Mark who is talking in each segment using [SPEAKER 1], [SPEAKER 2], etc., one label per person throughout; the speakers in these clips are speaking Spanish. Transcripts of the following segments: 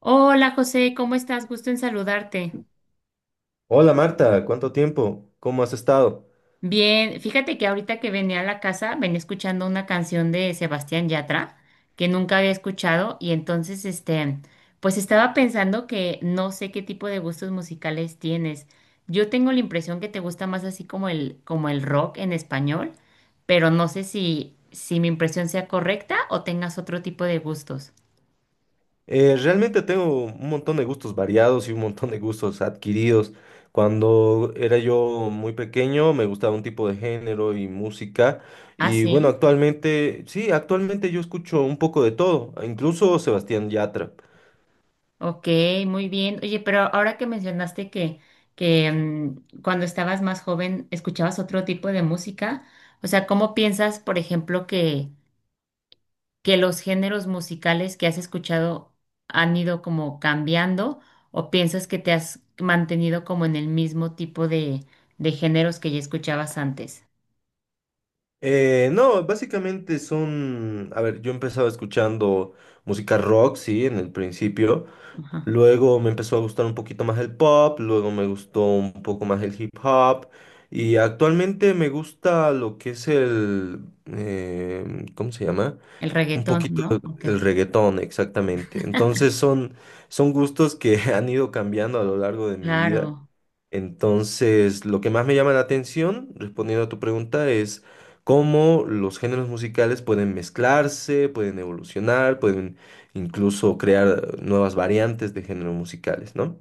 [SPEAKER 1] Hola José, ¿cómo estás? Gusto en saludarte.
[SPEAKER 2] Hola Marta, ¿cuánto tiempo? ¿Cómo has estado?
[SPEAKER 1] Bien, fíjate que ahorita que venía a la casa venía escuchando una canción de Sebastián Yatra que nunca había escuchado y entonces pues estaba pensando que no sé qué tipo de gustos musicales tienes. Yo tengo la impresión que te gusta más así como el rock en español, pero no sé si mi impresión sea correcta o tengas otro tipo de gustos.
[SPEAKER 2] Realmente tengo un montón de gustos variados y un montón de gustos adquiridos. Cuando era yo muy pequeño me gustaba un tipo de género y música
[SPEAKER 1] ¿Ah,
[SPEAKER 2] y bueno,
[SPEAKER 1] sí?
[SPEAKER 2] actualmente, sí, actualmente yo escucho un poco de todo, incluso Sebastián Yatra.
[SPEAKER 1] Ok, muy bien. Oye, pero ahora que que cuando estabas más joven escuchabas otro tipo de música, o sea, ¿cómo piensas, por ejemplo, que los géneros musicales que has escuchado han ido como cambiando o piensas que te has mantenido como en el mismo de géneros que ya escuchabas antes?
[SPEAKER 2] No, básicamente son, a ver, yo empezaba escuchando música rock, sí, en el principio.
[SPEAKER 1] Ajá.
[SPEAKER 2] Luego me empezó a gustar un poquito más el pop, luego me gustó un poco más el hip hop y actualmente me gusta lo que es el, ¿cómo se llama?
[SPEAKER 1] El
[SPEAKER 2] Un
[SPEAKER 1] reggaetón,
[SPEAKER 2] poquito
[SPEAKER 1] ¿no?
[SPEAKER 2] el
[SPEAKER 1] Ok,
[SPEAKER 2] el reggaetón, exactamente. Entonces son, son gustos que han ido cambiando a lo largo de mi vida.
[SPEAKER 1] claro.
[SPEAKER 2] Entonces, lo que más me llama la atención, respondiendo a tu pregunta, es cómo los géneros musicales pueden mezclarse, pueden evolucionar, pueden incluso crear nuevas variantes de géneros musicales, ¿no?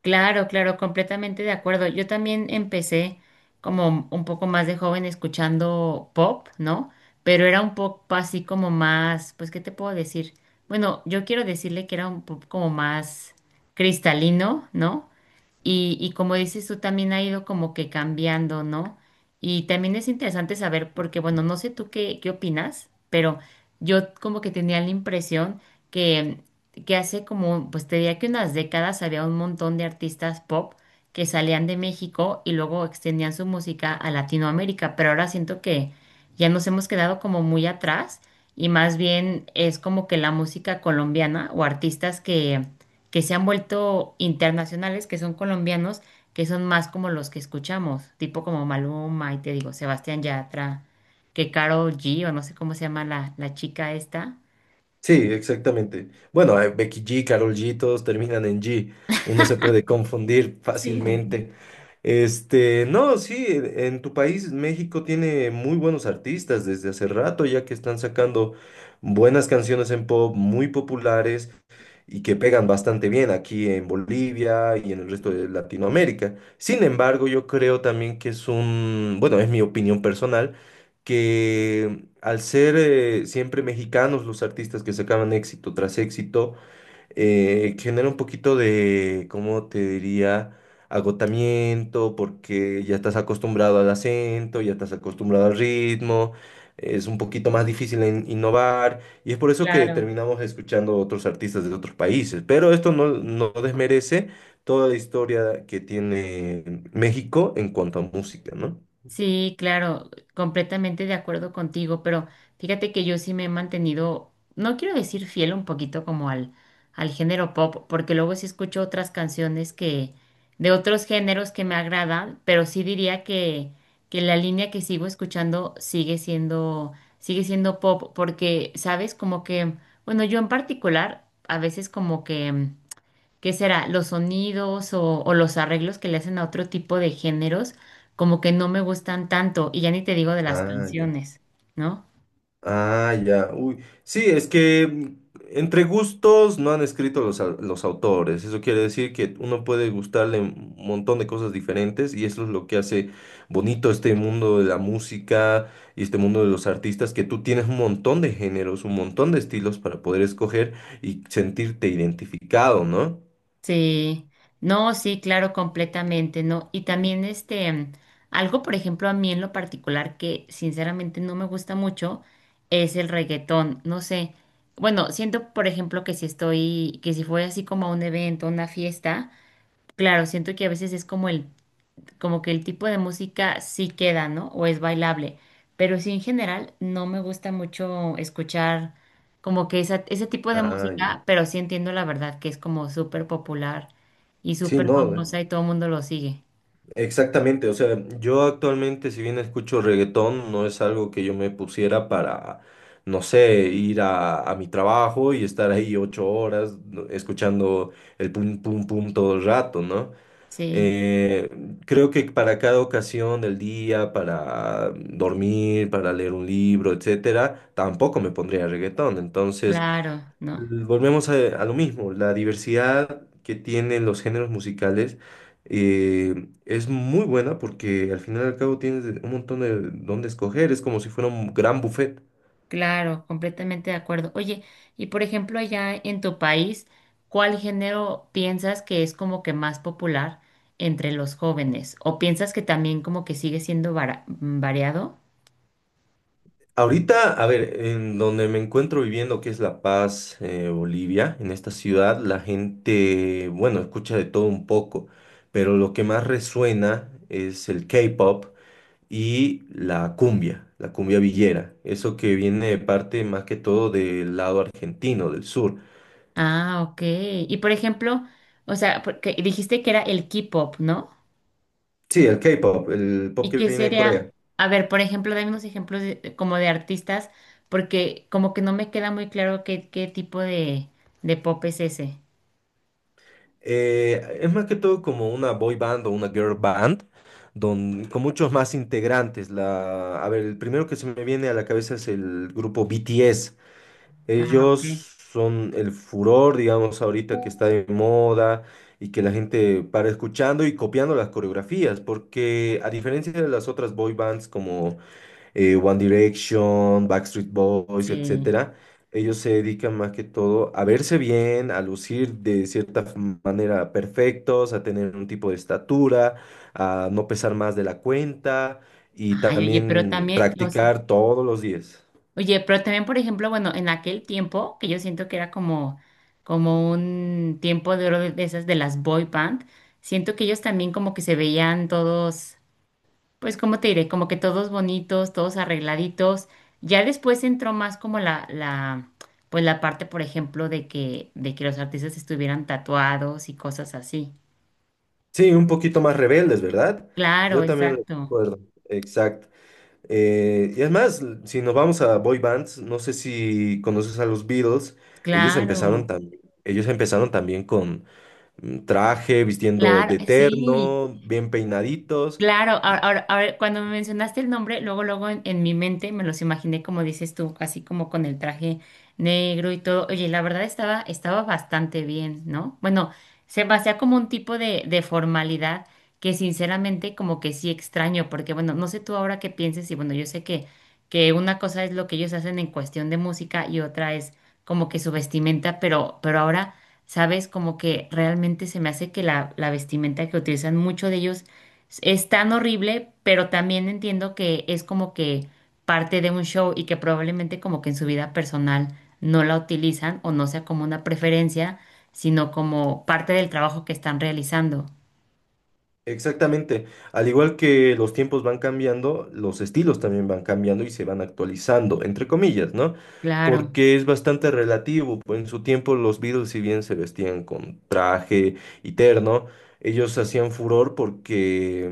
[SPEAKER 1] Claro, claro, completamente de acuerdo. Yo también empecé como un poco más de joven escuchando pop, ¿no? Pero era un pop así como más, pues, ¿qué te puedo decir? Bueno, yo quiero decirle que era un pop como más cristalino, ¿no? Y como dices tú, también ha ido como que cambiando, ¿no? Y también es interesante saber, porque bueno, no sé tú qué opinas, pero yo como que tenía la impresión que, que hace como, pues te diría que unas décadas había un montón de artistas pop que salían de México y luego extendían su música a Latinoamérica, pero ahora siento que ya nos hemos quedado como muy atrás y más bien es como que la música colombiana o artistas que se han vuelto internacionales, que son colombianos, que son más como los que escuchamos, tipo como Maluma y te digo, Sebastián Yatra, que Karol G o no sé cómo se llama la chica esta.
[SPEAKER 2] Sí, exactamente. Bueno, Becky G, Karol G, todos terminan en G. Uno se puede confundir
[SPEAKER 1] Sí, sí, sí.
[SPEAKER 2] fácilmente. Este, no, sí, en tu país, México tiene muy buenos artistas desde hace rato, ya que están sacando buenas canciones en pop muy populares y que pegan bastante bien aquí en Bolivia y en el resto de Latinoamérica. Sin embargo, yo creo también que es un, bueno, es mi opinión personal, que al ser siempre mexicanos los artistas que sacaban éxito tras éxito, genera un poquito de, ¿cómo te diría? Agotamiento, porque ya estás acostumbrado al acento, ya estás acostumbrado al ritmo, es un poquito más difícil innovar, y es por eso que
[SPEAKER 1] Claro.
[SPEAKER 2] terminamos escuchando otros artistas de otros países. Pero esto no, no desmerece toda la historia que tiene México en cuanto a música, ¿no?
[SPEAKER 1] Sí, claro, completamente de acuerdo contigo, pero fíjate que yo sí me he mantenido, no quiero decir fiel un poquito como al género pop, porque luego sí escucho otras canciones de otros géneros que me agradan, pero sí diría que la línea que sigo escuchando sigue siendo pop, porque, sabes, como que, bueno, yo en particular, a veces como que ¿qué será? Los sonidos o los arreglos que le hacen a otro tipo de géneros, como que no me gustan tanto, y ya ni te digo de las
[SPEAKER 2] Ah, ya.
[SPEAKER 1] canciones, ¿no?
[SPEAKER 2] Ah, ya. Uy. Sí, es que entre gustos no han escrito los, los autores. Eso quiere decir que uno puede gustarle un montón de cosas diferentes y eso es lo que hace bonito este mundo de la música y este mundo de los artistas, que tú tienes un montón de géneros, un montón de estilos para poder escoger y sentirte identificado, ¿no?
[SPEAKER 1] Sí, no, sí, claro, completamente, ¿no? Y también este, algo, por ejemplo, a mí en lo particular que sinceramente no me gusta mucho es el reggaetón, no sé. Bueno, siento, por ejemplo, que si estoy, que si fue así como a un evento, a una fiesta, claro, siento que a veces es como el como que el tipo de música sí queda, ¿no? O es bailable. Pero sí, en general, no me gusta mucho escuchar como que ese tipo de
[SPEAKER 2] Ah, ya.
[SPEAKER 1] música, pero sí entiendo la verdad que es como súper popular y
[SPEAKER 2] Sí,
[SPEAKER 1] súper
[SPEAKER 2] no.
[SPEAKER 1] famosa y todo el mundo lo sigue.
[SPEAKER 2] Exactamente, o sea, yo actualmente si bien escucho reggaetón, no es algo que yo me pusiera para, no sé, ir a mi trabajo y estar ahí 8 horas no, escuchando el pum pum pum todo el rato, ¿no?
[SPEAKER 1] Sí,
[SPEAKER 2] Eh, Creo que para cada ocasión del día, para dormir, para leer un libro, etcétera, tampoco me pondría reggaetón. Entonces,
[SPEAKER 1] claro, ¿no?
[SPEAKER 2] volvemos a lo mismo, la diversidad que tienen los géneros musicales es muy buena porque al final y al cabo tienes un montón de dónde escoger, es como si fuera un gran buffet.
[SPEAKER 1] Claro, completamente de acuerdo. Oye, y por ejemplo, allá en tu país, ¿cuál género piensas que es como que más popular entre los jóvenes? ¿O piensas que también como que sigue siendo variado?
[SPEAKER 2] Ahorita, a ver, en donde me encuentro viviendo, que es La Paz, Bolivia, en esta ciudad, la gente, bueno, escucha de todo un poco, pero lo que más resuena es el K-pop y la cumbia villera, eso que viene de parte más que todo del lado argentino, del sur.
[SPEAKER 1] Ah, ok. Y por ejemplo, o sea, porque dijiste que era el K-pop, ¿no?
[SPEAKER 2] Sí, el K-pop, el pop
[SPEAKER 1] ¿Y
[SPEAKER 2] que
[SPEAKER 1] qué
[SPEAKER 2] viene de
[SPEAKER 1] sería?
[SPEAKER 2] Corea.
[SPEAKER 1] A ver, por ejemplo, dame unos ejemplos como de artistas, porque como que no me queda muy claro qué de pop es ese.
[SPEAKER 2] Es más que todo como una boy band o una girl band, con muchos más integrantes. A ver, el primero que se me viene a la cabeza es el grupo BTS.
[SPEAKER 1] Ah,
[SPEAKER 2] Ellos
[SPEAKER 1] ok.
[SPEAKER 2] son el furor, digamos, ahorita que está de moda y que la gente para escuchando y copiando las coreografías, porque a diferencia de las otras boy bands como One Direction, Backstreet Boys,
[SPEAKER 1] Sí.
[SPEAKER 2] etcétera, ellos se dedican más que todo a verse bien, a lucir de cierta manera perfectos, a tener un tipo de estatura, a no pesar más de la cuenta y
[SPEAKER 1] Ay, oye, pero
[SPEAKER 2] también
[SPEAKER 1] también, o sea,
[SPEAKER 2] practicar todos los días.
[SPEAKER 1] oye, pero también, por ejemplo, bueno, en aquel tiempo, que yo siento que era como, como un tiempo de oro de esas de las boy band, siento que ellos también como que se veían todos. Pues, como te diré? Como que todos bonitos, todos arregladitos. Ya después entró más como pues la parte, por ejemplo, de que los artistas estuvieran tatuados y cosas así.
[SPEAKER 2] Sí, un poquito más rebeldes, ¿verdad?
[SPEAKER 1] Claro,
[SPEAKER 2] Yo también lo
[SPEAKER 1] exacto.
[SPEAKER 2] recuerdo. Exacto. Y además, si nos vamos a boy bands, no sé si conoces a los Beatles,
[SPEAKER 1] Claro,
[SPEAKER 2] ellos empezaron también con traje, vistiendo
[SPEAKER 1] claro,
[SPEAKER 2] de
[SPEAKER 1] sí.
[SPEAKER 2] terno, bien peinaditos.
[SPEAKER 1] Claro, ahora, cuando me mencionaste el nombre, luego en mi mente me los imaginé como dices tú, así como con el traje negro y todo. Oye, la verdad estaba bastante bien, ¿no? Bueno, se me hacía como un tipo de formalidad que sinceramente como que sí extraño, porque bueno, no sé tú ahora qué pienses y bueno, yo sé que una cosa es lo que ellos hacen en cuestión de música y otra es como que su vestimenta, pero ahora, ¿sabes? Como que realmente se me hace que la vestimenta que utilizan mucho de ellos es tan horrible, pero también entiendo que es como que parte de un show y que probablemente como que en su vida personal no la utilizan o no sea como una preferencia, sino como parte del trabajo que están realizando.
[SPEAKER 2] Exactamente. Al igual que los tiempos van cambiando, los estilos también van cambiando y se van actualizando, entre comillas, ¿no?
[SPEAKER 1] Claro,
[SPEAKER 2] Porque es bastante relativo. Pues, en su tiempo los Beatles, si bien se vestían con traje y terno, ellos hacían furor porque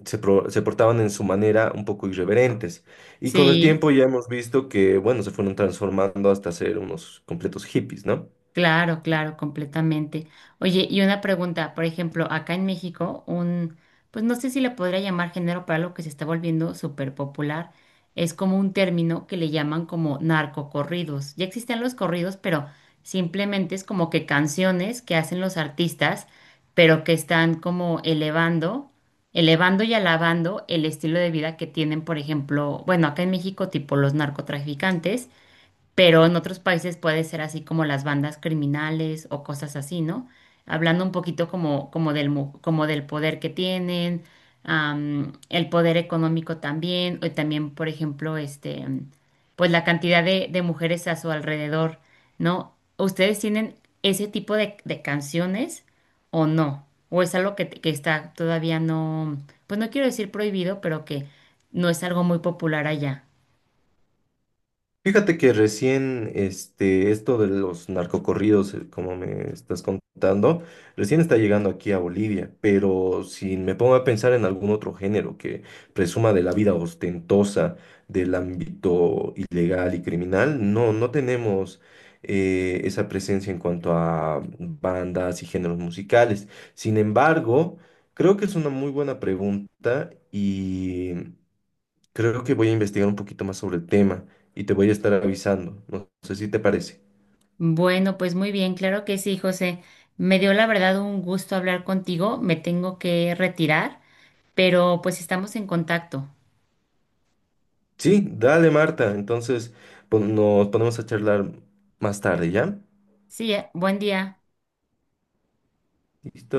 [SPEAKER 2] se portaban en su manera un poco irreverentes. Y con el
[SPEAKER 1] sí.
[SPEAKER 2] tiempo ya hemos visto que, bueno, se fueron transformando hasta ser unos completos hippies, ¿no?
[SPEAKER 1] Claro, claro, completamente. Oye, y una pregunta, por ejemplo, acá en México, un, pues no sé si le podría llamar género para algo que se está volviendo súper popular, es como un término que le llaman como narcocorridos. Ya existen los corridos, pero simplemente es como que canciones que hacen los artistas, pero que están como elevando, elevando y alabando el estilo de vida que tienen, por ejemplo, bueno, acá en México, tipo los narcotraficantes, pero en otros países puede ser así como las bandas criminales o cosas así, ¿no? Hablando un poquito como, como del, como del poder que tienen, am, el poder económico también, y también, por ejemplo, este, am, pues la cantidad de mujeres a su alrededor, ¿no? ¿Ustedes tienen ese tipo de canciones o no? ¿O es algo que está todavía no, pues no quiero decir prohibido, pero que no es algo muy popular allá?
[SPEAKER 2] Fíjate que recién, este, esto de los narcocorridos, como me estás contando, recién está llegando aquí a Bolivia, pero si me pongo a pensar en algún otro género que presuma de la vida ostentosa del ámbito ilegal y criminal, no, no tenemos esa presencia en cuanto a bandas y géneros musicales. Sin embargo, creo que es una muy buena pregunta y... Creo que voy a investigar un poquito más sobre el tema y te voy a estar avisando. No sé si te parece.
[SPEAKER 1] Bueno, pues muy bien, claro que sí, José. Me dio la verdad un gusto hablar contigo. Me tengo que retirar, pero pues estamos en contacto.
[SPEAKER 2] Sí, dale, Marta. Entonces, nos ponemos a charlar más tarde, ¿ya?
[SPEAKER 1] Sí, buen día.
[SPEAKER 2] Listo.